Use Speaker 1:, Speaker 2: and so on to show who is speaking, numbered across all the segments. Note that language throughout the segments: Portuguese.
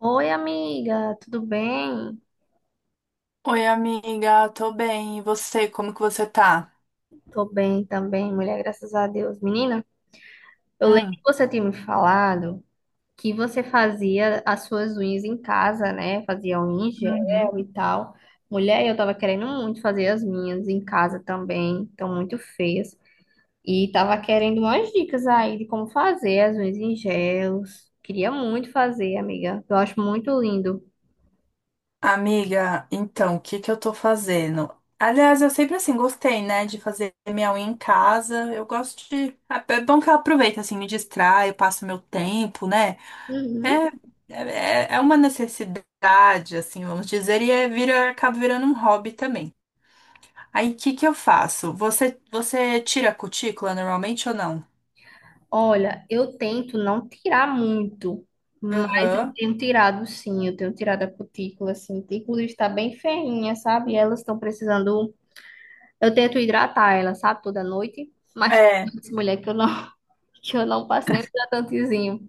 Speaker 1: Oi, amiga, tudo bem?
Speaker 2: Oi, amiga, tô bem. E você, como que você tá?
Speaker 1: Tô bem também, mulher, graças a Deus. Menina, eu lembro
Speaker 2: Hum,
Speaker 1: que você tinha me falado que você fazia as suas unhas em casa, né? Fazia unha em gel e tal. Mulher, eu tava querendo muito fazer as minhas em casa também, estão muito feias. E tava querendo umas dicas aí de como fazer as unhas em gels. Queria muito fazer, amiga. Eu acho muito lindo.
Speaker 2: amiga, então, o que que eu tô fazendo? Aliás, eu sempre assim gostei, né, de fazer minha unha em casa. Eu gosto. É bom que eu aproveito, assim, me distraio, passo meu tempo, né?
Speaker 1: Uhum.
Speaker 2: É, é, é uma necessidade, assim, vamos dizer, e é, vira, acaba virando um hobby também. Aí, o que que eu faço? Você tira a cutícula normalmente ou não?
Speaker 1: Olha, eu tento não tirar muito, mas eu
Speaker 2: Aham.
Speaker 1: tenho tirado sim, eu tenho tirado a cutícula, assim. A cutícula está bem ferrinha, sabe? Elas estão precisando. Eu tento hidratar ela, sabe, toda noite, mas tem
Speaker 2: É.
Speaker 1: noites, mulher, que eu não, que eu não passo nem hidratantezinho.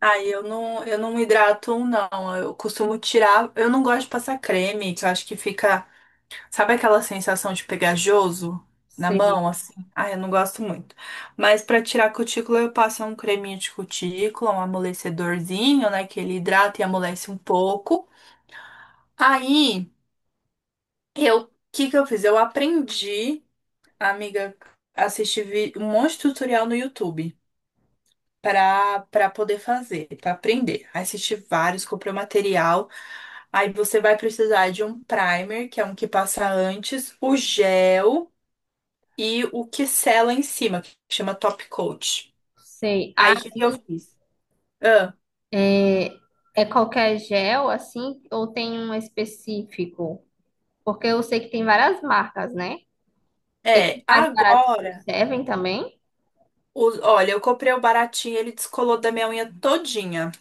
Speaker 2: Ai, eu não me hidrato, não. Eu costumo tirar. Eu não gosto de passar creme, que eu acho que fica. Sabe aquela sensação de pegajoso na mão,
Speaker 1: Sei,
Speaker 2: assim? Ai, eu não gosto muito. Mas pra tirar cutícula, eu passo um creminho de cutícula, um amolecedorzinho, né? Que ele hidrata e amolece um pouco. Aí, eu. O que que eu fiz? Eu aprendi, amiga, um monte de tutorial no YouTube. Para poder fazer, para aprender. Aí assisti vários, comprei o material. Aí você vai precisar de um primer, que é um que passa antes, o gel e o que sela em cima, que chama top coat.
Speaker 1: sei.
Speaker 2: Aí o
Speaker 1: Ah,
Speaker 2: que que eu fiz? Ah,
Speaker 1: é é qualquer gel, assim, ou tem um específico? Porque eu sei que tem várias marcas, né? Esses
Speaker 2: é,
Speaker 1: mais baratos
Speaker 2: agora,
Speaker 1: servem também?
Speaker 2: olha, eu comprei o baratinho, ele descolou da minha unha todinha.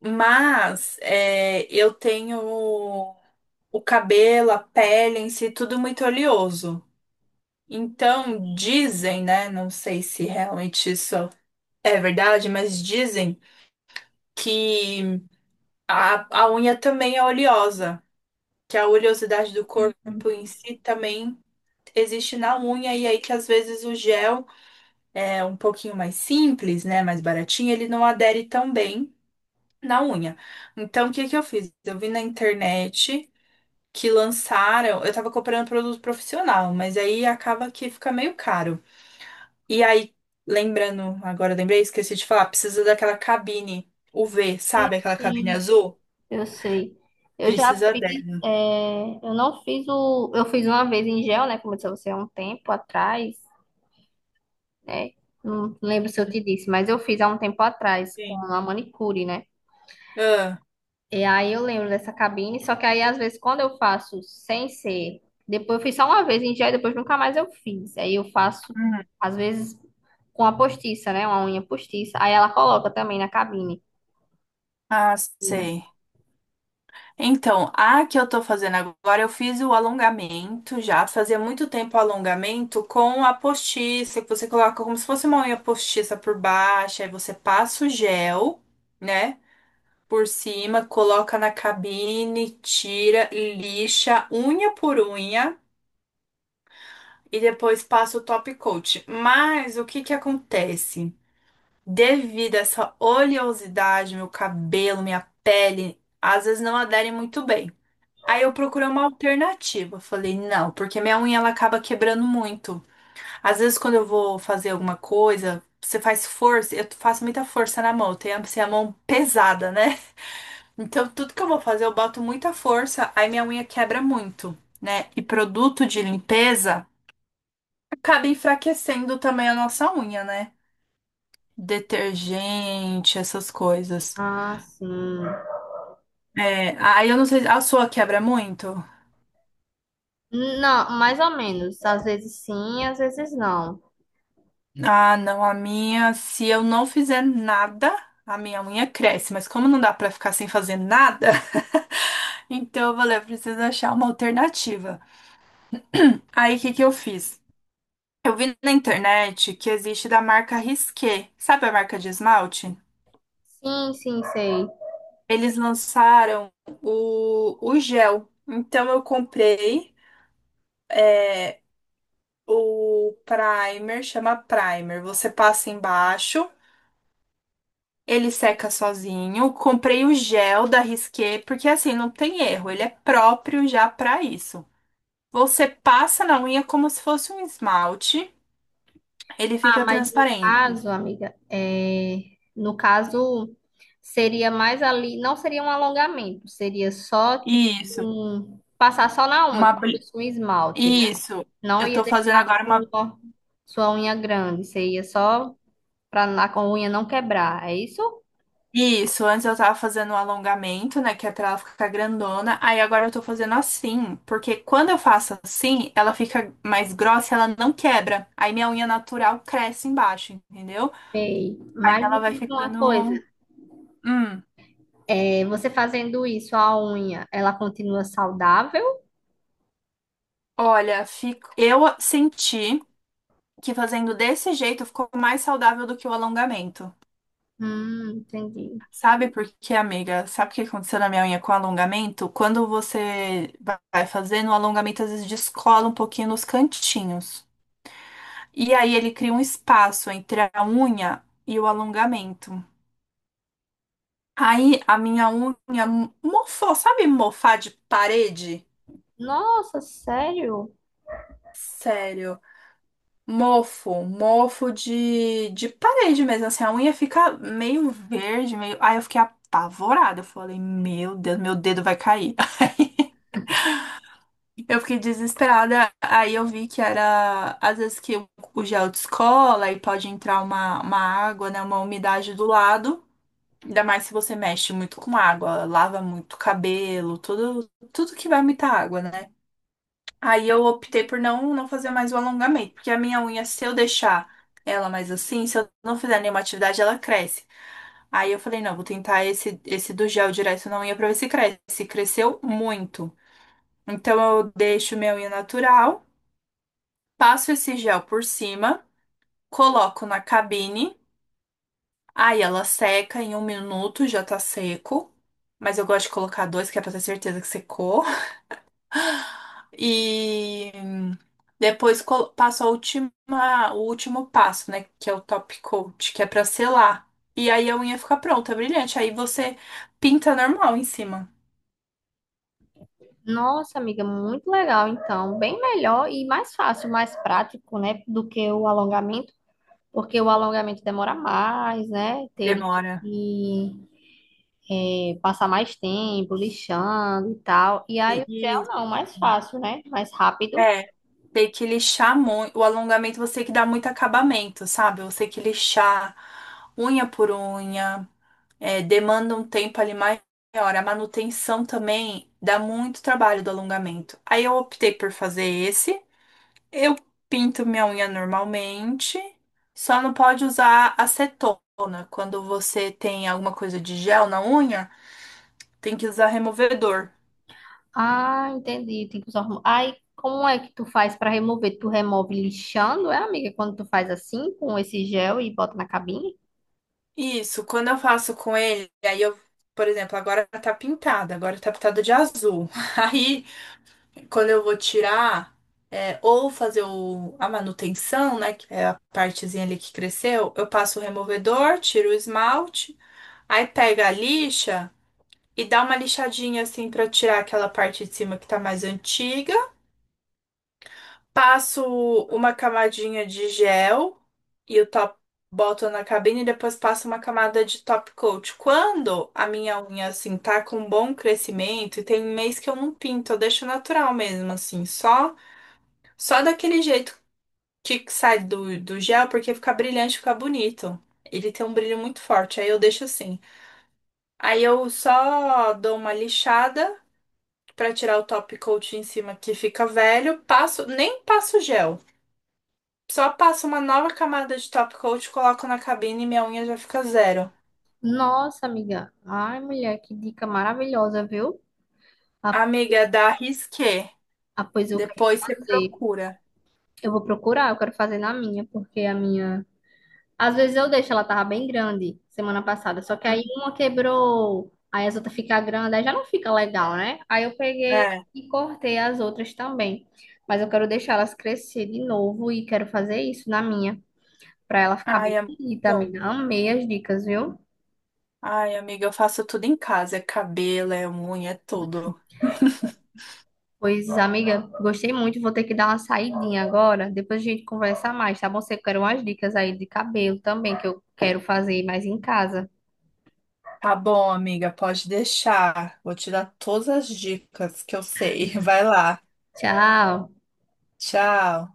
Speaker 2: Mas é, eu tenho o cabelo, a pele em si, tudo muito oleoso. Então, dizem, né? Não sei se realmente isso é verdade, mas dizem que a unha também é oleosa, que a oleosidade do corpo em si também existe na unha, e aí que às vezes o gel é um pouquinho mais simples, né? Mais baratinho, ele não adere tão bem na unha. Então, o que que eu fiz? Eu vi na internet. Que lançaram, eu tava comprando produto profissional, mas aí acaba que fica meio caro. E aí, lembrando, agora eu lembrei, esqueci de falar, precisa daquela cabine UV,
Speaker 1: Sim,
Speaker 2: sabe? Aquela cabine
Speaker 1: sim.
Speaker 2: azul?
Speaker 1: Eu sei. Eu já
Speaker 2: Precisa
Speaker 1: fiz,
Speaker 2: dela.
Speaker 1: é, eu não fiz o, eu fiz uma vez em gel, né, como eu disse a você, há um tempo atrás, né, não lembro se eu te disse, mas eu fiz há um tempo atrás com
Speaker 2: Sim.
Speaker 1: a manicure, né,
Speaker 2: Ah,
Speaker 1: e aí eu lembro dessa cabine, só que aí às vezes quando eu faço sem ser, depois eu fiz só uma vez em gel e depois nunca mais eu fiz, aí eu faço,
Speaker 2: Uhum.
Speaker 1: às vezes, com a postiça, né, uma unha postiça, aí ela coloca também na cabine.
Speaker 2: Sei. Então, a que eu tô fazendo agora, eu fiz o alongamento já. Fazia muito tempo o alongamento com a postiça, que você coloca como se fosse uma unha postiça por baixo, aí você passa o gel, né? Por cima, coloca na cabine, tira, lixa, unha por unha. E depois passa o top coat. Mas o que que acontece? Devido a essa oleosidade, meu cabelo, minha pele, às vezes não aderem muito bem. Aí eu procurei uma alternativa. Falei, não, porque minha unha ela acaba quebrando muito. Às vezes quando eu vou fazer alguma coisa, você faz força, eu faço muita força na mão, eu tenho assim, a mão pesada, né? Então tudo que eu vou fazer, eu boto muita força, aí minha unha quebra muito, né? E produto de limpeza acaba enfraquecendo também a nossa unha, né? Detergente, essas coisas.
Speaker 1: Ah, sim.
Speaker 2: É, aí eu não sei, a sua quebra muito?
Speaker 1: Não, mais ou menos. Às vezes sim, às vezes não.
Speaker 2: Ah, não, a minha, se eu não fizer nada, a minha unha cresce, mas como não dá pra ficar sem fazer nada, então eu falei, eu preciso achar uma alternativa. Aí o que que eu fiz? Eu vi na internet que existe da marca Risqué, sabe a marca de esmalte?
Speaker 1: Sim, sim, sei.
Speaker 2: Eles lançaram o gel. Então eu comprei. é, O primer chama primer. Você passa embaixo, ele seca sozinho. Comprei o gel da Risqué, porque assim não tem erro, ele é próprio já para isso. Você passa na unha como se fosse um esmalte, ele
Speaker 1: Ah,
Speaker 2: fica
Speaker 1: mas no
Speaker 2: transparente.
Speaker 1: caso, amiga, é... no caso, seria mais ali, não seria um alongamento, seria só, tipo,
Speaker 2: Isso,
Speaker 1: um- passar só na unha,
Speaker 2: uma
Speaker 1: como se
Speaker 2: bli-
Speaker 1: fosse um esmalte, né?
Speaker 2: isso.
Speaker 1: Não
Speaker 2: Eu
Speaker 1: ia
Speaker 2: tô fazendo
Speaker 1: deixar a
Speaker 2: agora uma
Speaker 1: sua, sua unha grande, seria só para a unha não quebrar, é isso?
Speaker 2: Isso, antes eu tava fazendo um alongamento, né, que é pra ela ficar grandona. Aí agora eu tô fazendo assim, porque quando eu faço assim, ela fica mais grossa, e ela não quebra. Aí minha unha natural cresce embaixo, entendeu?
Speaker 1: Sei. Mas
Speaker 2: Ela
Speaker 1: me
Speaker 2: vai
Speaker 1: diz uma coisa,
Speaker 2: ficando. Hum,
Speaker 1: é, você fazendo isso, a unha, ela continua saudável?
Speaker 2: olha, fico... eu senti que fazendo desse jeito ficou mais saudável do que o alongamento.
Speaker 1: Entendi.
Speaker 2: Sabe por quê, amiga? Sabe o que aconteceu na minha unha com o alongamento? Quando você vai fazendo, o alongamento às vezes descola um pouquinho nos cantinhos. E aí ele cria um espaço entre a unha e o alongamento. Aí a minha unha mofou, sabe mofar de parede?
Speaker 1: Nossa, sério?
Speaker 2: Sério, mofo, mofo de parede mesmo, assim, a unha fica meio verde, meio... Aí eu fiquei apavorada, eu falei, meu Deus, meu dedo vai cair. Eu fiquei desesperada, aí eu vi que era, às vezes que o gel descola e pode entrar uma água, né, uma umidade do lado, Ainda mais se você mexe muito com água, lava muito o cabelo, tudo, tudo que vai muita água, né? Aí eu optei por não fazer mais o alongamento, porque a minha unha, se eu deixar ela mais assim, se eu não fizer nenhuma atividade, ela cresce. Aí eu falei, não, vou tentar esse do gel direto na unha pra ver se cresce. Cresceu muito. Então eu deixo minha unha natural, passo esse gel por cima, coloco na cabine. Aí ela seca em um minuto, já tá seco. Mas eu gosto de colocar dois, que é pra ter certeza que secou. E depois passo a última, o último passo, né? Que é o top coat, que é pra selar. E aí a unha fica pronta, brilhante. Aí você pinta normal em cima.
Speaker 1: Nossa, amiga, muito legal. Então, bem melhor e mais fácil, mais prático, né, do que o alongamento, porque o alongamento demora mais, né? Teria que
Speaker 2: Demora.
Speaker 1: é, passar mais tempo lixando e tal. E aí o gel
Speaker 2: e-
Speaker 1: não, mais fácil, né? Mais rápido.
Speaker 2: é, tem que lixar muito. O alongamento você tem que dar muito acabamento, sabe? Você tem que lixar unha por unha. É, demanda um tempo ali maior. A manutenção também dá muito trabalho do alongamento. Aí eu optei por fazer esse. Eu pinto minha unha normalmente, só não pode usar acetona. Quando você tem alguma coisa de gel na unha, tem que usar removedor.
Speaker 1: Ah, entendi. Tem que usar. Hormônio. Aí, como é que tu faz para remover? Tu remove lixando, é, amiga? Quando tu faz assim com esse gel e bota na cabinha?
Speaker 2: Isso, quando eu faço com ele, aí eu, por exemplo, agora tá pintada de azul. Aí quando eu vou tirar, é, ou fazer a manutenção, né? Que é a partezinha ali que cresceu, eu passo o removedor, tiro o esmalte, aí pega a lixa e dá uma lixadinha assim pra tirar aquela parte de cima que tá mais antiga. Passo uma camadinha de gel e o top. Boto na cabine e depois passo uma camada de top coat. Quando a minha unha, assim, tá com bom crescimento, e tem mês que eu não pinto, eu deixo natural mesmo, assim, só daquele jeito que sai do gel, porque fica brilhante, fica bonito. Ele tem um brilho muito forte, aí eu deixo assim. Aí eu só dou uma lixada pra tirar o top coat em cima que fica velho, passo, nem passo gel. Só passo uma nova camada de top coat, coloco na cabine e minha unha já fica zero.
Speaker 1: Nossa, amiga. Ai, mulher, que dica maravilhosa, viu? Ah,
Speaker 2: Amiga,
Speaker 1: pois
Speaker 2: da Risqué.
Speaker 1: ah, pois eu quero
Speaker 2: Depois você
Speaker 1: fazer.
Speaker 2: procura.
Speaker 1: Eu vou procurar, eu quero fazer na minha, porque a minha. Às vezes eu deixo, ela tava bem grande semana passada, só que aí
Speaker 2: Hum,
Speaker 1: uma quebrou, aí as outras ficam grandes, aí já não fica legal, né? Aí eu peguei
Speaker 2: É.
Speaker 1: e cortei as outras também. Mas eu quero deixar elas crescer de novo e quero fazer isso na minha, pra ela ficar
Speaker 2: Ai,
Speaker 1: bem
Speaker 2: é muito
Speaker 1: bonita,
Speaker 2: bom.
Speaker 1: amiga. Amei as dicas, viu?
Speaker 2: Ai, amiga, eu faço tudo em casa. É cabelo, é unha, é tudo.
Speaker 1: Pois, amiga, gostei muito. Vou ter que dar uma saidinha agora. Depois a gente conversa mais, tá bom? Você quer umas dicas aí de cabelo também, que eu quero fazer mais em casa.
Speaker 2: Tá bom, amiga, pode deixar. Vou te dar todas as dicas que eu sei. Vai lá.
Speaker 1: Tchau.
Speaker 2: Tchau.